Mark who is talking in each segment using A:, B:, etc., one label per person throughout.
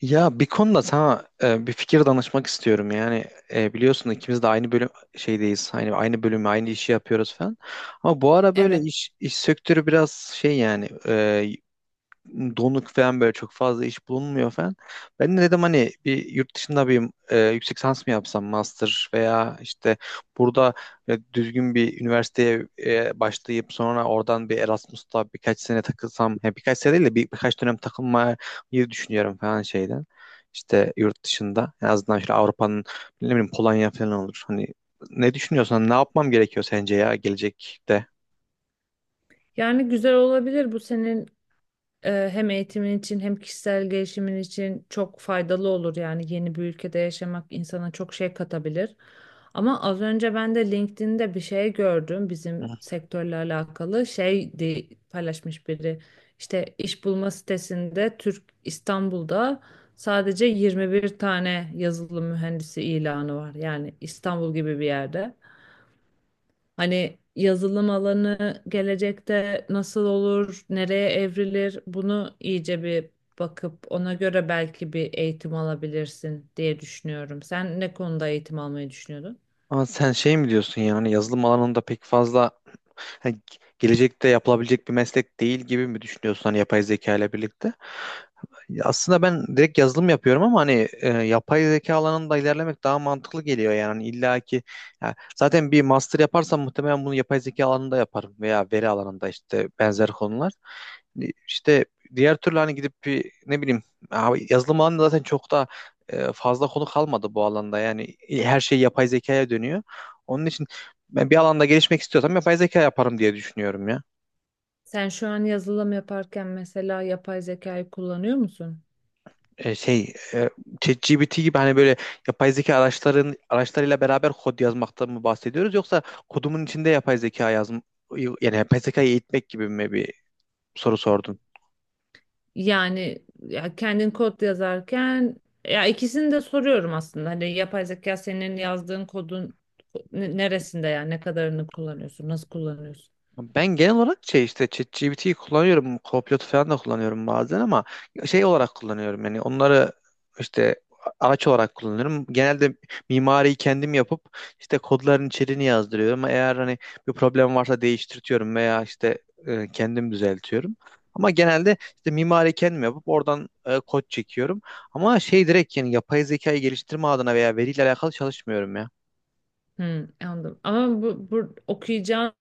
A: Ya bir konuda sana bir fikir danışmak istiyorum. Yani biliyorsun ikimiz de aynı bölüm şeydeyiz. Hani aynı bölümü, aynı işi yapıyoruz falan. Ama bu ara böyle
B: Evet.
A: iş sektörü biraz şey yani donuk falan, böyle çok fazla iş bulunmuyor falan. Ben de dedim hani bir yurt dışında bir yüksek lisans mı yapsam, master, veya işte burada düzgün bir üniversiteye başlayıp sonra oradan bir Erasmus'ta birkaç sene takılsam, ya birkaç sene değil de birkaç dönem takılmayı düşünüyorum falan şeyden. İşte yurt dışında en azından şöyle Avrupa'nın, ne bileyim, Polonya falan olur. Hani ne düşünüyorsan, ne yapmam gerekiyor sence ya gelecekte?
B: Yani güzel olabilir. Bu senin hem eğitimin için hem kişisel gelişimin için çok faydalı olur. Yani yeni bir ülkede yaşamak insana çok şey katabilir. Ama az önce ben de LinkedIn'de bir şey gördüm bizim sektörle alakalı. Şey diye paylaşmış biri. İşte iş bulma sitesinde Türk İstanbul'da sadece 21 tane yazılım mühendisi ilanı var. Yani İstanbul gibi bir yerde. Hani yazılım alanı gelecekte nasıl olur, nereye evrilir bunu iyice bir bakıp ona göre belki bir eğitim alabilirsin diye düşünüyorum. Sen ne konuda eğitim almayı düşünüyordun?
A: Ama sen şey mi diyorsun, yani yazılım alanında pek fazla hani gelecekte yapılabilecek bir meslek değil gibi mi düşünüyorsun, hani yapay zeka ile birlikte? Aslında ben direkt yazılım yapıyorum ama hani yapay zeka alanında ilerlemek daha mantıklı geliyor yani. Hani illa ki, ya zaten bir master yaparsam muhtemelen bunu yapay zeka alanında yaparım veya veri alanında, işte benzer konular. İşte diğer türlü hani gidip bir, ne bileyim, abi yazılım alanında zaten çok da fazla konu kalmadı bu alanda. Yani her şey yapay zekaya dönüyor. Onun için ben bir alanda gelişmek istiyorsam yapay zeka yaparım diye düşünüyorum ya.
B: Sen şu an yazılım yaparken mesela yapay zekayı kullanıyor musun?
A: Şey, ChatGPT gibi, hani böyle yapay zeka araçlarıyla beraber kod yazmaktan mı bahsediyoruz, yoksa kodumun içinde yapay zeka yani yapay zekayı eğitmek gibi mi bir soru sordun?
B: Yani ya kendin kod yazarken ya ikisini de soruyorum aslında. Hani yapay zeka senin yazdığın kodun neresinde yani ne kadarını kullanıyorsun, nasıl kullanıyorsun?
A: Ben genel olarak şey, işte ChatGPT'yi kullanıyorum. Copilot'u falan da kullanıyorum bazen, ama şey olarak kullanıyorum. Yani onları işte araç olarak kullanıyorum. Genelde mimariyi kendim yapıp işte kodların içeriğini yazdırıyorum. Eğer hani bir problem varsa değiştirtiyorum veya işte kendim düzeltiyorum. Ama genelde işte mimari kendim yapıp oradan kod çekiyorum. Ama şey, direkt yani yapay zekayı geliştirme adına veya veriyle alakalı çalışmıyorum ya.
B: Hmm, anladım. Ama bu okuyacağın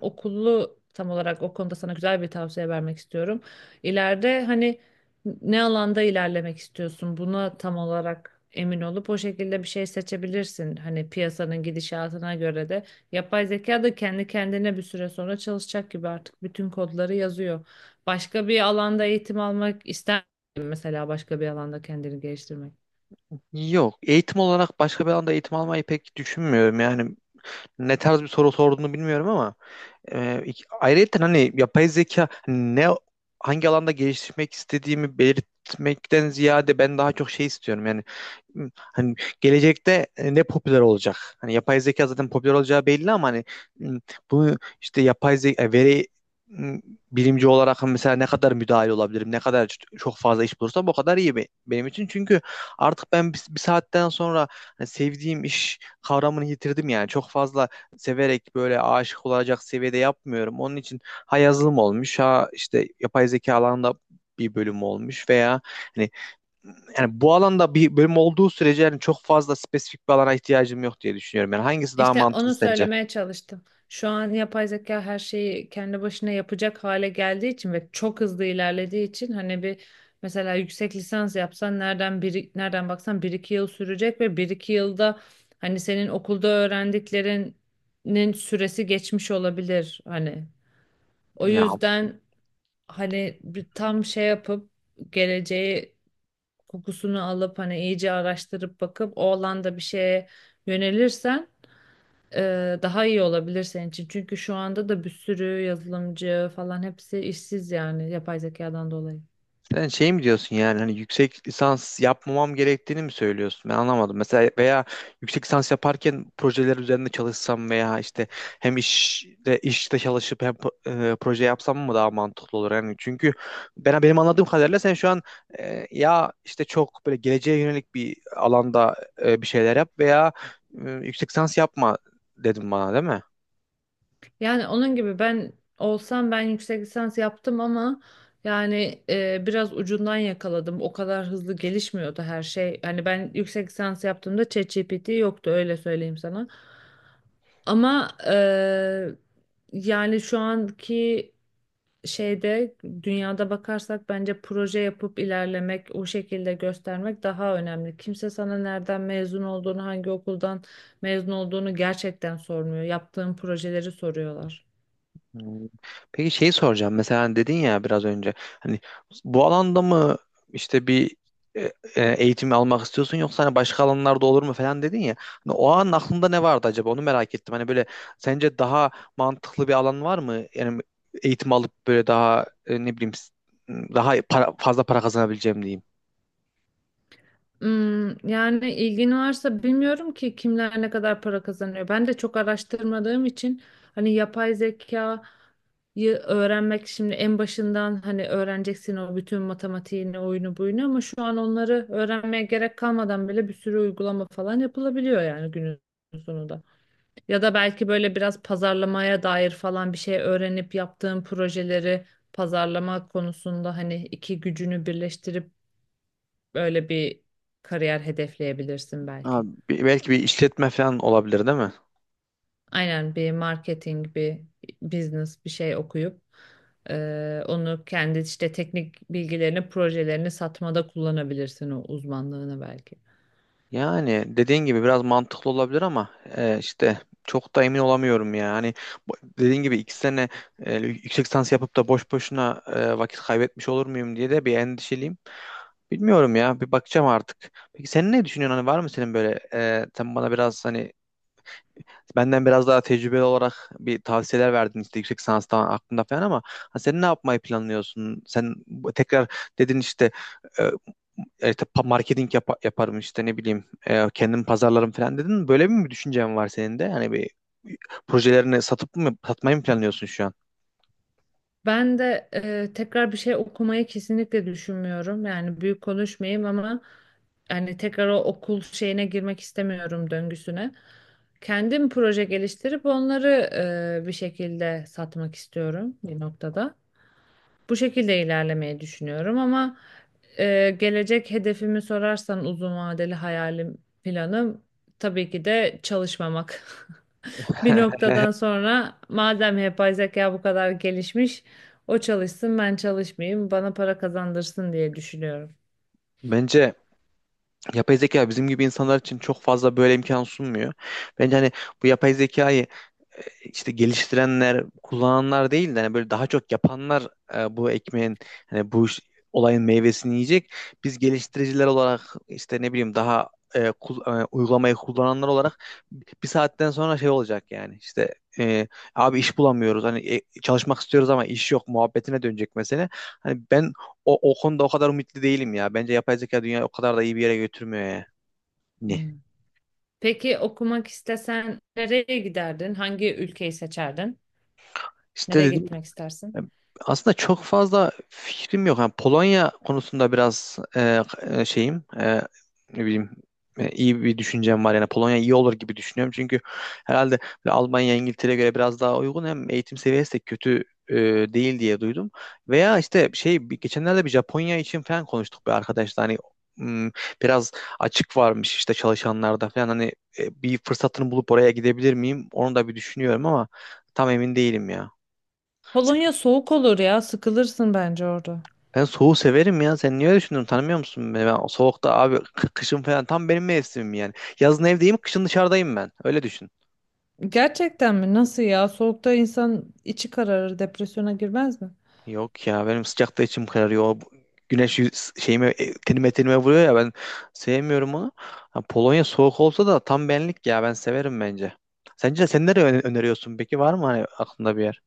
B: okulu tam olarak o konuda sana güzel bir tavsiye vermek istiyorum. İleride hani ne alanda ilerlemek istiyorsun buna tam olarak emin olup o şekilde bir şey seçebilirsin. Hani piyasanın gidişatına göre de yapay zeka da kendi kendine bir süre sonra çalışacak gibi artık bütün kodları yazıyor. Başka bir alanda eğitim almak ister misin mesela başka bir alanda kendini geliştirmek?
A: Yok. Eğitim olarak başka bir alanda eğitim almayı pek düşünmüyorum. Yani ne tarz bir soru sorduğunu bilmiyorum ama ayrıca hani yapay zeka hangi alanda geliştirmek istediğimi belirtmekten ziyade ben daha çok şey istiyorum. Yani hani gelecekte ne popüler olacak? Hani yapay zeka zaten popüler olacağı belli, ama hani m, bunu işte yapay zeka veri bilimci olarak hani mesela ne kadar müdahil olabilirim? Ne kadar çok fazla iş bulursam o kadar iyi benim için. Çünkü artık ben bir saatten sonra hani sevdiğim iş kavramını yitirdim yani. Çok fazla severek, böyle aşık olacak seviyede yapmıyorum. Onun için ha yazılım olmuş, ha işte yapay zeka alanında bir bölüm olmuş, veya hani yani bu alanda bir bölüm olduğu sürece, yani çok fazla spesifik bir alana ihtiyacım yok diye düşünüyorum. Yani hangisi daha
B: İşte
A: mantıklı
B: onu
A: sence?
B: söylemeye çalıştım. Şu an yapay zeka her şeyi kendi başına yapacak hale geldiği için ve çok hızlı ilerlediği için hani bir mesela yüksek lisans yapsan nereden bir nereden baksan bir iki yıl sürecek ve bir iki yılda hani senin okulda öğrendiklerinin süresi geçmiş olabilir hani. O
A: Ya,
B: yüzden hani bir tam şey yapıp geleceği kokusunu alıp hani iyice araştırıp bakıp o alanda bir şeye yönelirsen daha iyi olabilir senin için. Çünkü şu anda da bir sürü yazılımcı falan hepsi işsiz yani yapay zekadan dolayı.
A: sen şey mi diyorsun, yani hani yüksek lisans yapmamam gerektiğini mi söylüyorsun? Ben anlamadım. Mesela, veya yüksek lisans yaparken projeler üzerinde çalışsam veya işte hem işte çalışıp hem proje yapsam mı daha mantıklı olur? Yani çünkü ben benim anladığım kadarıyla sen şu an ya işte çok böyle geleceğe yönelik bir alanda bir şeyler yap veya yüksek lisans yapma dedim bana, değil mi?
B: Yani onun gibi ben olsam ben yüksek lisans yaptım ama yani biraz ucundan yakaladım. O kadar hızlı gelişmiyordu her şey. Hani ben yüksek lisans yaptığımda ChatGPT yoktu öyle söyleyeyim sana. Ama yani şu anki şeyde dünyada bakarsak bence proje yapıp ilerlemek, o şekilde göstermek daha önemli. Kimse sana nereden mezun olduğunu, hangi okuldan mezun olduğunu gerçekten sormuyor. Yaptığın projeleri soruyorlar.
A: Hmm. Peki şey soracağım. Mesela hani dedin ya biraz önce, hani bu alanda mı, işte bir e, eğitim almak istiyorsun, yoksa hani başka alanlarda olur mu falan dedin ya. Hani o an aklında ne vardı acaba? Onu merak ettim. Hani böyle sence daha mantıklı bir alan var mı? Yani eğitim alıp böyle daha, ne bileyim, daha fazla para kazanabileceğim, diyeyim.
B: Hmm, yani ilgin varsa bilmiyorum ki kimler ne kadar para kazanıyor. Ben de çok araştırmadığım için hani yapay zekayı öğrenmek şimdi en başından hani öğreneceksin o bütün matematiğini, oyunu buyunu ama şu an onları öğrenmeye gerek kalmadan bile bir sürü uygulama falan yapılabiliyor yani günün sonunda. Ya da belki böyle biraz pazarlamaya dair falan bir şey öğrenip yaptığın projeleri pazarlama konusunda hani iki gücünü birleştirip böyle bir kariyer hedefleyebilirsin belki.
A: Abi, belki bir işletme falan olabilir, değil mi?
B: Aynen bir marketing, bir business bir şey okuyup onu kendi işte teknik bilgilerini, projelerini satmada kullanabilirsin o uzmanlığını belki.
A: Yani dediğin gibi biraz mantıklı olabilir ama işte çok da emin olamıyorum ya. Hani bu- dediğin gibi iki sene yüksek lisans yapıp da boş boşuna vakit kaybetmiş olur muyum diye de bir endişeliyim. Bilmiyorum ya, bir bakacağım artık. Peki sen ne düşünüyorsun? Hani var mı senin böyle, sen bana biraz hani benden biraz daha tecrübeli olarak bir tavsiyeler verdin işte yüksek lisanstan aklında falan, ama hani sen ne yapmayı planlıyorsun? Sen tekrar dedin işte, e, işte marketing yaparım işte, ne bileyim, kendim pazarlarım falan dedin mi? Böyle mi bir düşüncen var senin de? Hani bir projelerini satıp mı satmayı mı planlıyorsun şu an?
B: Ben de tekrar bir şey okumayı kesinlikle düşünmüyorum. Yani büyük konuşmayayım ama yani tekrar o okul şeyine girmek istemiyorum döngüsüne. Kendim proje geliştirip onları bir şekilde satmak istiyorum bir noktada. Bu şekilde ilerlemeyi düşünüyorum ama gelecek hedefimi sorarsan uzun vadeli hayalim planım tabii ki de çalışmamak. Bir noktadan sonra madem yapay zeka bu kadar gelişmiş, o çalışsın ben çalışmayayım, bana para kazandırsın diye düşünüyorum.
A: Bence yapay zeka bizim gibi insanlar için çok fazla böyle imkan sunmuyor. Bence hani bu yapay zekayı e, işte geliştirenler, kullananlar değil de hani böyle daha çok yapanlar bu ekmeğin, hani bu olayın meyvesini yiyecek. Biz geliştiriciler olarak işte, ne bileyim, daha uygulamayı kullananlar olarak bir saatten sonra şey olacak yani, işte abi iş bulamıyoruz, hani çalışmak istiyoruz ama iş yok muhabbetine dönecek mesele. Hani ben o konuda o kadar umutlu değilim ya. Bence yapay zeka dünyayı o kadar da iyi bir yere götürmüyor ya. Ne?
B: Hmm. Peki okumak istesen nereye giderdin? Hangi ülkeyi seçerdin?
A: İşte
B: Nereye
A: dedim.
B: gitmek
A: E,
B: istersin?
A: Aslında çok fazla fikrim yok. Yani Polonya konusunda biraz şeyim, ne bileyim, iyi bir düşüncem var. Yani Polonya iyi olur gibi düşünüyorum. Çünkü herhalde böyle Almanya, İngiltere'ye göre biraz daha uygun. Hem eğitim seviyesi de kötü e, değil diye duydum. Veya işte şey, geçenlerde bir Japonya için falan konuştuk bir arkadaşla. Hani, m, biraz açık varmış işte çalışanlarda falan. Hani bir fırsatını bulup oraya gidebilir miyim? Onu da bir düşünüyorum ama tam emin değilim ya.
B: Polonya soğuk olur ya, sıkılırsın bence orada.
A: Ben soğuğu severim ya. Sen niye öyle düşünüyorsun? Tanımıyor musun beni? Ben o soğukta, abi, kışın falan tam benim mevsimim yani. Yazın evdeyim, kışın dışarıdayım ben. Öyle düşün.
B: Gerçekten mi? Nasıl ya? Soğukta insan içi kararır, depresyona girmez mi?
A: Yok ya, benim sıcakta içim kararıyor. Güneş şeyime, tenime vuruyor ya, ben sevmiyorum onu. Ha, Polonya soğuk olsa da tam benlik ya, ben severim bence. Sence sen nereye öneriyorsun peki, var mı hani aklında bir yer?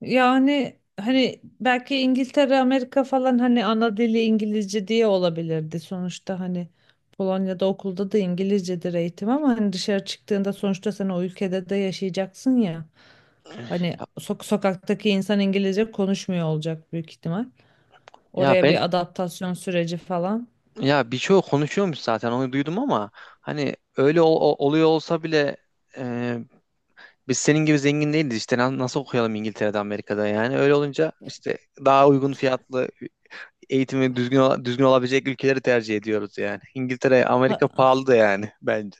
B: Yani hani belki İngiltere, Amerika falan hani ana dili İngilizce diye olabilirdi. Sonuçta hani Polonya'da okulda da İngilizcedir eğitim ama hani dışarı çıktığında sonuçta sen o ülkede de yaşayacaksın ya. Hani
A: Ya,
B: sokaktaki insan İngilizce konuşmuyor olacak büyük ihtimal.
A: ya,
B: Oraya
A: ben,
B: bir adaptasyon süreci falan.
A: ya birçoğu konuşuyormuş zaten onu duydum, ama hani öyle oluyor olsa bile, biz senin gibi zengin değiliz işte, nasıl okuyalım İngiltere'de, Amerika'da? Yani öyle olunca işte daha uygun fiyatlı, eğitimi düzgün olabilecek ülkeleri tercih ediyoruz yani. İngiltere, Amerika
B: Ha,
A: pahalı da yani, bence.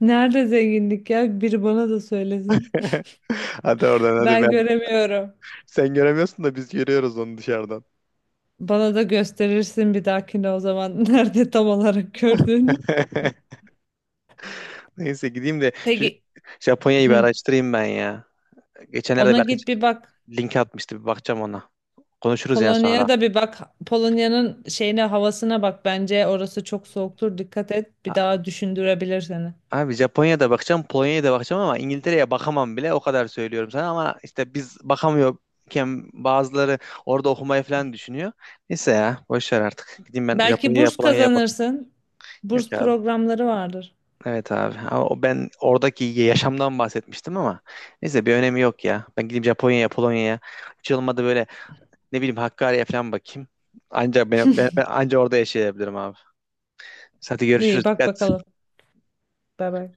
B: nerede zenginlik ya? Biri bana da söylesin.
A: Hadi oradan, hadi
B: Ben
A: ben.
B: göremiyorum.
A: Sen göremiyorsun da biz görüyoruz onu dışarıdan.
B: Bana da gösterirsin bir dahakine o zaman nerede tam olarak gördüğünü.
A: Neyse, gideyim de şu
B: Peki
A: Japonya'yı bir
B: hı,
A: araştırayım ben ya. Geçenlerde
B: ona
A: bir arkadaş
B: git bir bak.
A: link atmıştı, bir bakacağım ona. Konuşuruz yani sonra.
B: Polonya'ya da bir bak. Polonya'nın şeyine havasına bak. Bence orası çok soğuktur. Dikkat et. Bir daha düşündürebilir seni.
A: Abi, Japonya'da bakacağım, Polonya'ya da bakacağım, ama İngiltere'ye bakamam bile, o kadar söylüyorum sana, ama işte biz bakamıyorken bazıları orada okumayı falan düşünüyor. Neyse ya, boş ver artık. Gideyim ben
B: Belki
A: Japonya'ya,
B: burs
A: Polonya'ya bakayım.
B: kazanırsın.
A: Yok
B: Burs
A: abi.
B: programları vardır.
A: Evet abi. Ama o, ben oradaki yaşamdan bahsetmiştim ama neyse, bir önemi yok ya. Ben gideyim Japonya'ya, Polonya'ya. Hiç olmadı böyle, ne bileyim, Hakkari'ye falan bakayım. Anca ben anca orada yaşayabilirim abi. Hadi görüşürüz.
B: İyi bak
A: Dikkat.
B: bakalım. Bay bay.